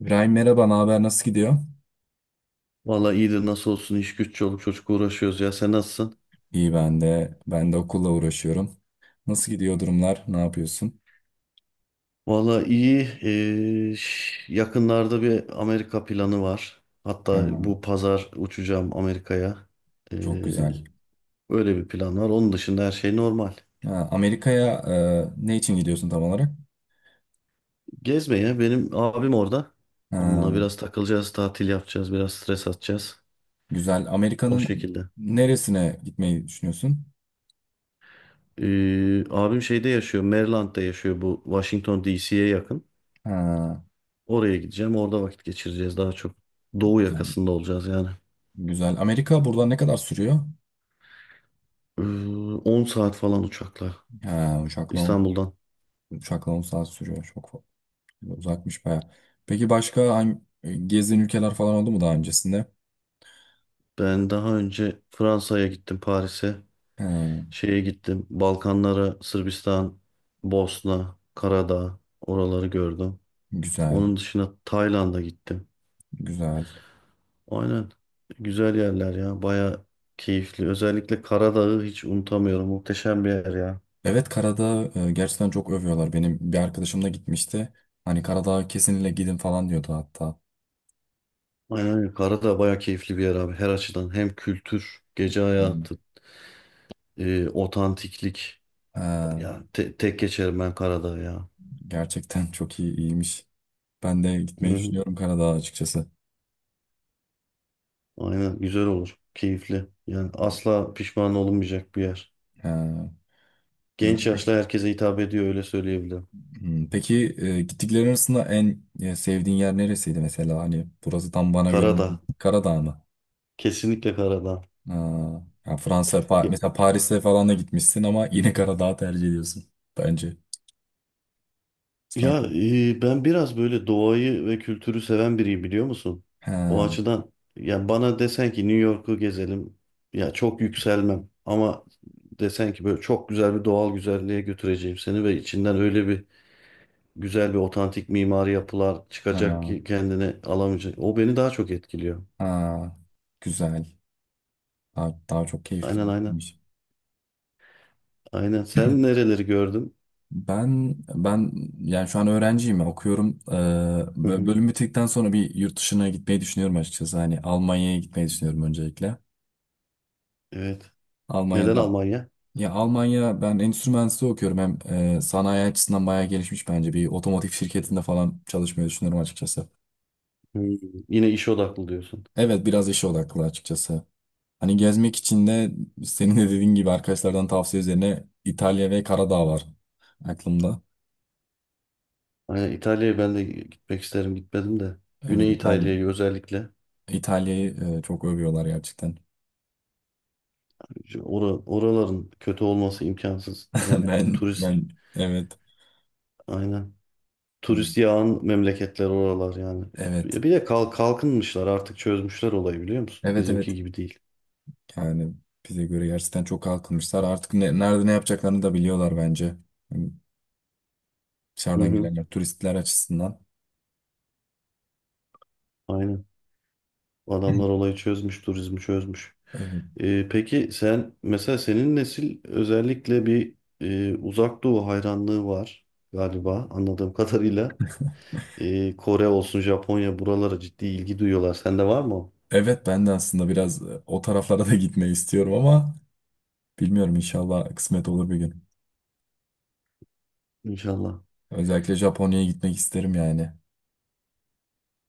İbrahim merhaba, ne haber? Nasıl gidiyor? Valla iyidir nasıl olsun iş güç çoluk çocuk uğraşıyoruz ya sen nasılsın? İyi ben de. Ben de okulla uğraşıyorum. Nasıl gidiyor durumlar? Ne yapıyorsun? Valla iyi. Yakınlarda bir Amerika planı var. Hatta Ha, bu pazar uçacağım Amerika'ya. Ee, çok güzel. öyle bir plan var. Onun dışında her şey normal. Ha, Amerika'ya ne için gidiyorsun tam olarak? Gezmeye benim abim orada. Onunla Ha, biraz takılacağız, tatil yapacağız, biraz stres atacağız. güzel. O Amerika'nın şekilde. neresine gitmeyi düşünüyorsun? Abim şeyde yaşıyor, Maryland'da yaşıyor bu Washington DC'ye yakın. Ha, Oraya gideceğim, orada vakit geçireceğiz daha çok. Doğu güzel. yakasında olacağız yani. Güzel. Amerika buradan ne kadar sürüyor? Ee, 10 saat falan uçakla Ha, uçakla, İstanbul'dan. uçakla 10 saat sürüyor. Uzakmış baya. Peki başka hangi gezdiğin ülkeler falan oldu mu daha öncesinde? Ben daha önce Fransa'ya gittim, Paris'e. Ha, Şeye gittim, Balkanlara, Sırbistan, Bosna, Karadağ, oraları gördüm. güzel. Onun dışında Tayland'a gittim. Güzel. Aynen. Güzel yerler ya, baya keyifli. Özellikle Karadağ'ı hiç unutamıyorum. Muhteşem bir yer ya. Evet Karadağ gerçekten çok övüyorlar. Benim bir arkadaşım da gitmişti. Hani Karadağ'a kesinlikle gidin falan diyordu hatta. Aynen öyle. Karadağ baya keyifli bir yer abi. Her açıdan hem kültür, gece Hmm. hayatı, otantiklik. Ee, Ya tek geçerim ben Karadağ ya. gerçekten çok iyi iyiymiş. Ben de Hı gitmeyi hı. düşünüyorum Karadağ'a açıkçası. Aynen güzel olur. Keyifli. Yani asla pişman olunmayacak bir yer. Ee, güzel. Genç yaşlı herkese hitap ediyor öyle söyleyebilirim. Hmm, peki gittiklerin arasında en sevdiğin yer neresiydi mesela? Hani burası tam bana göre değil. Karadağ. Karadağ mı? Kesinlikle Karadağ. Ee, yani Fransa, Ya, mesela Paris'e falan da gitmişsin ama yine Karadağ'ı tercih ediyorsun bence. ya, Farklı. Ben biraz böyle doğayı ve kültürü seven biriyim biliyor musun? O Ha, açıdan yani bana desen ki New York'u gezelim. Ya çok yükselmem ama desen ki böyle çok güzel bir doğal güzelliğe götüreceğim seni ve içinden öyle bir güzel bir otantik mimari yapılar ha, çıkacak ki kendine alamayacak. O beni daha çok etkiliyor. ha. Güzel. Daha, daha çok keyifli Aynen bir aynen. şeymiş. Aynen. Sen nereleri gördün? Ben yani şu an öğrenciyim okuyorum. Hı hı. Bölüm bittikten sonra bir yurt dışına gitmeyi düşünüyorum açıkçası. Hani Almanya'ya gitmeyi düşünüyorum öncelikle. Evet. Neden Almanya'da Almanya? ya Almanya ben endüstri mühendisliği okuyorum. Hem sanayi açısından bayağı gelişmiş bence. Bir otomotiv şirketinde falan çalışmayı düşünüyorum açıkçası. Hı. Yine iş odaklı diyorsun. Evet biraz işe odaklı açıkçası. Hani gezmek için de senin de dediğin gibi arkadaşlardan tavsiye üzerine İtalya ve Karadağ var aklımda. Aynen İtalya'ya ben de gitmek isterim. Gitmedim de. Evet Güney İtalya. İtalya'yı özellikle. İtalya'yı çok övüyorlar gerçekten. Şu oraların kötü olması imkansız. Yani Ben turist ben evet aynen. evet Turist yağan memleketler oralar yani. evet Bir de kalkınmışlar artık çözmüşler olayı biliyor musun? evet. Bizimki gibi değil. yani bize göre gerçekten çok kalkınmışlar. Artık nerede ne yapacaklarını da biliyorlar bence. Yani Hı dışarıdan hı. gelenler turistler açısından. Aynen. Adamlar olayı çözmüş, turizmi çözmüş. Evet. Peki sen mesela senin nesil özellikle bir uzak doğu hayranlığı var galiba anladığım kadarıyla. Kore olsun, Japonya buralara ciddi ilgi duyuyorlar. Sende var mı? O? Evet, ben de aslında biraz o taraflara da gitmeyi istiyorum ama bilmiyorum inşallah kısmet olur bir gün. İnşallah. Özellikle Japonya'ya gitmek isterim yani.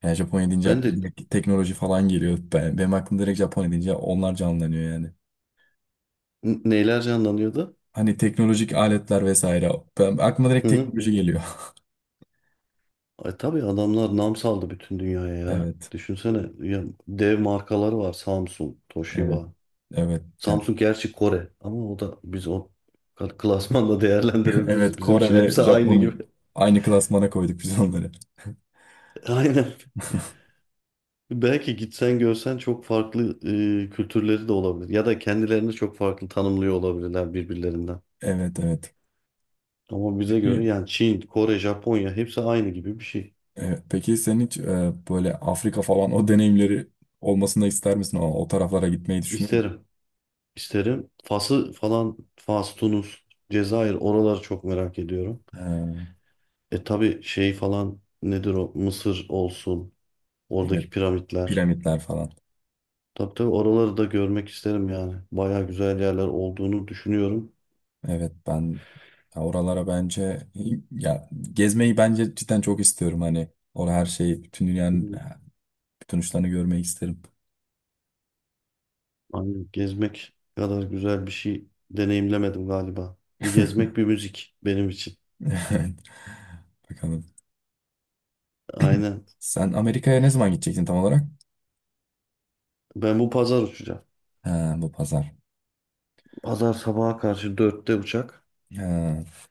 Yani Japonya deyince Ben aklıma de direkt teknoloji falan geliyor. Ben, benim aklım direkt Japonya deyince onlar canlanıyor yani. Neyler canlanıyordu? Hani teknolojik aletler vesaire. Ben, aklıma direkt Hı hı hı. teknoloji Hı. geliyor. Ay, tabii adamlar nam saldı bütün dünyaya ya. Evet. Düşünsene ya, dev markalar var. Samsung, Evet. Toshiba. Evet. Gel. Samsung gerçi Kore ama o da biz o klasmanda değerlendirebiliriz. Evet. Bizim Kore için ve hepsi aynı Japonya gibi. aynı klasmana koyduk biz onları. Aynen. Belki gitsen görsen çok farklı kültürleri de olabilir. Ya da kendilerini çok farklı tanımlıyor olabilirler birbirlerinden. Evet. Evet. Ama bize göre Peki yani Çin, Kore, Japonya hepsi aynı gibi bir şey. Peki sen hiç böyle Afrika falan o deneyimleri olmasını ister misin? O, o taraflara gitmeyi düşünür müsün? İsterim. İsterim. Fas'ı falan, Fas, Tunus, Cezayir oraları çok merak ediyorum. Ee, E tabii şey falan nedir o? Mısır olsun. evet. Oradaki piramitler. Piramitler falan. Tabii tabii oraları da görmek isterim yani. Baya güzel yerler olduğunu düşünüyorum. Evet, ya oralara bence ya gezmeyi bence cidden çok istiyorum hani orada her şeyi bütün Hı. dünyanın Hı. bütün uçlarını görmeyi isterim. Hani gezmek kadar güzel bir şey deneyimlemedim galiba. Bir gezmek bir müzik benim için. Evet. Bakalım. Aynen. Sen Amerika'ya ne zaman gidecektin tam olarak? Ben bu pazar uçacağım. Ha, bu pazar. Pazar sabaha karşı 4'te uçak. Ha,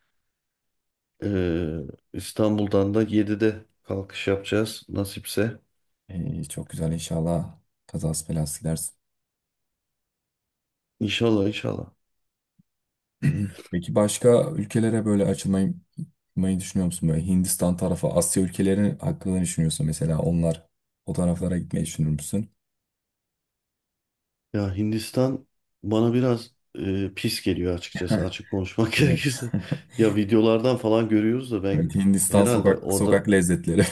Ee, İstanbul'dan da 7'de kalkış yapacağız nasipse. iyi, çok güzel inşallah. Kazası belası gidersin. İnşallah inşallah. Peki başka ülkelere böyle açılmayı düşünüyor musun? Böyle Hindistan tarafı, Asya ülkeleri hakkında ne düşünüyorsun mesela onlar o taraflara gitmeyi düşünür müsün? Ya Hindistan bana biraz pis geliyor açıkçası açık konuşmak gerekirse. Evet. Ya videolardan falan görüyoruz da ben Evet, Hindistan herhalde sokak orada sokak lezzetleri.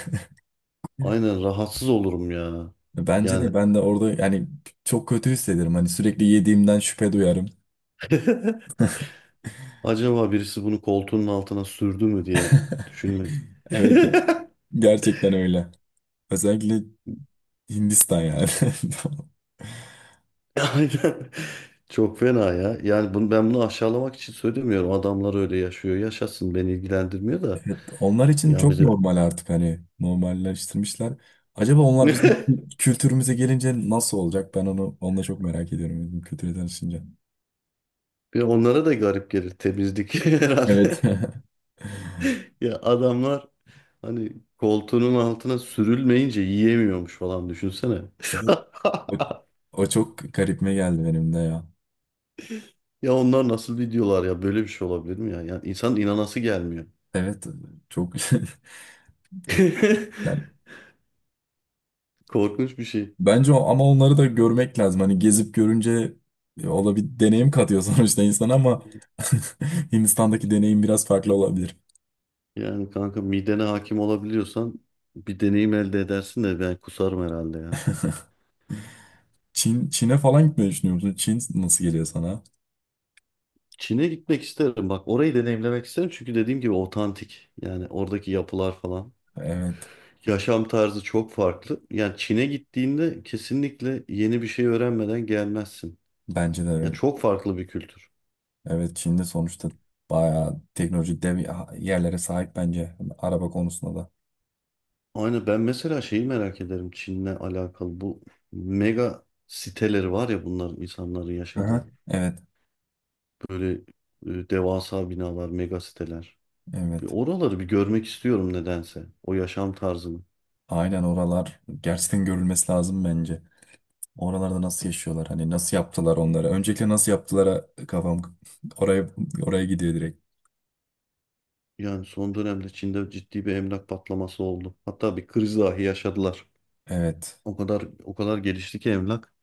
aynen rahatsız olurum ya. Bence Yani de ben de orada yani çok kötü hissederim. Hani sürekli yediğimden şüphe duyarım. acaba birisi bunu koltuğunun altına sürdü mü diye düşünme. Evet ya. Gerçekten öyle. Özellikle Hindistan yani. Aynen. Çok fena ya. Yani ben bunu aşağılamak için söylemiyorum. Adamlar öyle yaşıyor. Yaşasın beni ilgilendirmiyor da. Evet, onlar için Ya çok bize normal artık hani normalleştirmişler. Acaba onlar bizim kültürümüze gelince nasıl olacak? Ben onu da çok merak ediyorum bizim kültüre tanışınca. bir onlara da garip gelir temizlik Evet. herhalde. Ya adamlar hani koltuğunun altına sürülmeyince yiyemiyormuş falan düşünsene. Evet. O, o çok garipme geldi benim de ya. Ya onlar nasıl videolar ya böyle bir şey olabilir mi ya? Yani insan inanası gelmiyor. Evet. Çok yani Korkunç bir şey. bence o, ama onları da görmek lazım. Hani gezip görünce o da bir deneyim katıyor sonuçta insana ama Hindistan'daki deneyim biraz farklı olabilir. Yani kanka midene hakim olabiliyorsan bir deneyim elde edersin de ben kusarım herhalde ya. Çin'e falan gitmeyi düşünüyor musun? Çin nasıl geliyor sana? Çin'e gitmek isterim. Bak orayı deneyimlemek isterim çünkü dediğim gibi otantik. Yani oradaki yapılar falan. Evet, Yaşam tarzı çok farklı. Yani Çin'e gittiğinde kesinlikle yeni bir şey öğrenmeden gelmezsin. bence de Ya öyle. çok farklı bir kültür. Evet, Çin'de sonuçta bayağı teknoloji dev yerlere sahip bence araba konusunda da. Aynı ben mesela şeyi merak ederim Çin'le alakalı bu mega siteleri var ya bunların insanların Aha. yaşadığı. Evet, Böyle devasa binalar, mega siteler. Bir evet. Oraları bir görmek istiyorum nedense. O yaşam tarzını. Aynen oralar gerçekten görülmesi lazım bence. Oralarda nasıl yaşıyorlar? Hani nasıl yaptılar onlara? Öncelikle nasıl yaptılara kafam oraya oraya gidiyor direkt. Yani son dönemde Çin'de ciddi bir emlak patlaması oldu. Hatta bir kriz dahi yaşadılar. Evet. O kadar gelişti ki emlak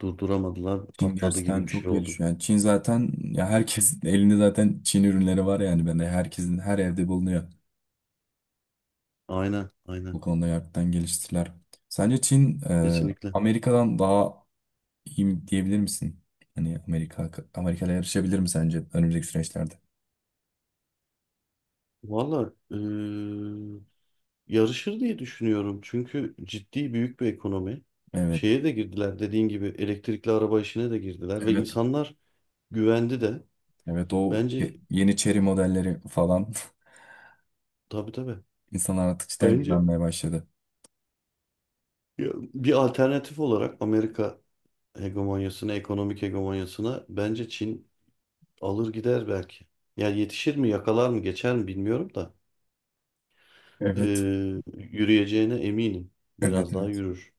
durduramadılar, Çin patladı gerçekten gibi bir çok şey oldu. gelişiyor. Yani Çin zaten ya herkesin elinde zaten Çin ürünleri var yani ben de herkesin her evde bulunuyor. Aynen, Bu aynen. konuda gerçekten geliştiler. Sence Çin Kesinlikle. Amerika'dan daha iyi mi diyebilir misin? Hani Amerika Amerika'yla yarışabilir mi sence önümüzdeki süreçlerde? Valla yarışır diye düşünüyorum. Çünkü ciddi büyük bir ekonomi. Evet. Şeye de girdiler dediğin gibi elektrikli araba işine de girdiler ve Evet. insanlar güvendi de. Evet o Bence yeni Chery modelleri falan tabii tabii. insanlar artık cidden Bence güvenmeye başladı. ya, bir alternatif olarak Amerika hegemonyasına, ekonomik hegemonyasına bence Çin alır gider belki. Yani yetişir mi, yakalar mı, geçer mi bilmiyorum da ee, Evet, yürüyeceğine eminim. evet, Biraz daha evet. yürür.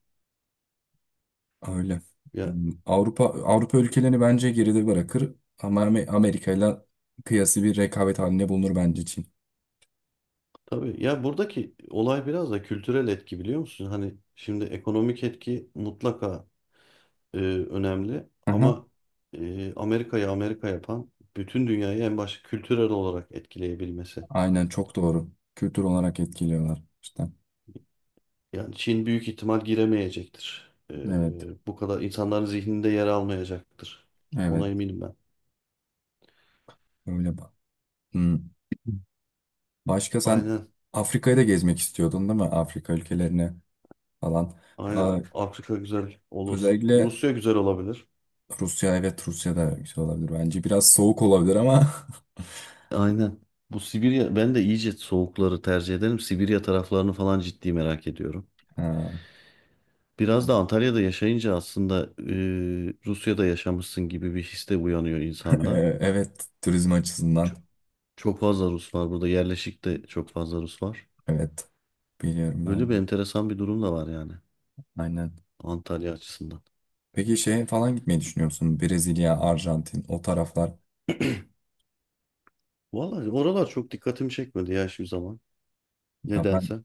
Öyle. Avrupa Avrupa ülkelerini bence geride bırakır ama Amerika ile kıyası bir rekabet halinde bulunur bence Çin. Tabii ya buradaki olay biraz da kültürel etki biliyor musun? Hani şimdi ekonomik etki mutlaka önemli Aha, ama Amerika'yı Amerika yapan bütün dünyayı en başta kültürel olarak etkileyebilmesi. aynen çok doğru. Kültür olarak etkiliyorlar işte. Yani Çin büyük ihtimal giremeyecektir. E, Evet, bu kadar insanların zihninde yer almayacaktır. Ona evet. eminim ben. Öyle bak. Hmm. Başka sen Aynen, Afrika'yı da gezmek istiyordun değil mi? Afrika ülkelerine falan. aynen. Aa, Afrika güzel olur. özellikle Rusya güzel olabilir. Rusya evet Rusya da güzel olabilir bence. Biraz soğuk olabilir ama Aynen. Bu Sibirya, ben de iyice soğukları tercih ederim. Sibirya taraflarını falan ciddi merak ediyorum. Ha, Biraz da Antalya'da yaşayınca aslında Rusya'da yaşamışsın gibi bir his de uyanıyor insanda. evet turizm açısından. Çok, çok fazla Rus var burada. Yerleşik de çok fazla Rus var. Evet. Biliyorum Öyle ben. bir De. enteresan bir durum da var yani Aynen. Antalya açısından. Peki şeye falan gitmeyi düşünüyor musun? Brezilya, Arjantin, o taraflar. Vallahi oralar çok dikkatimi çekmedi ya şu zaman. Ya ben Nedense.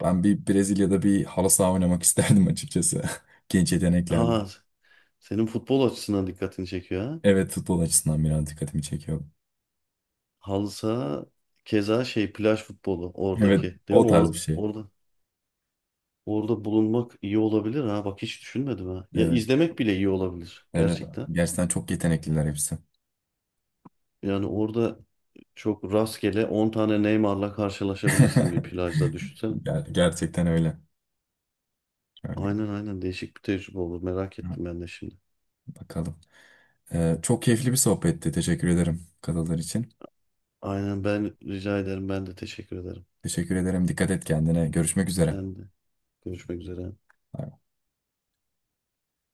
ben bir Brezilya'da bir halı saha oynamak isterdim açıkçası. Genç yeteneklerle. Ha, senin futbol açısından dikkatini çekiyor ha. Evet, futbol açısından biraz dikkatimi çekiyor. Halı saha keza şey plaj futbolu Evet, oradaki değil mi? o tarz bir Or- şey. orada orada bulunmak iyi olabilir ha. Bak hiç düşünmedim ha. Ya Evet, izlemek bile iyi olabilir evet. gerçekten. Gerçekten çok yetenekliler hepsi. Yani orada çok rastgele 10 tane Neymar'la karşılaşabilirsin bir plajda düşünsene. Gerçekten öyle. Öyle. Aynen aynen değişik bir tecrübe olur. Merak Ha, ettim ben de şimdi. bakalım. Çok keyifli bir sohbetti. Teşekkür ederim katıldığın için. Aynen ben rica ederim. Ben de teşekkür ederim. Teşekkür ederim. Dikkat et kendine. Görüşmek üzere. Ben de. Görüşmek üzere.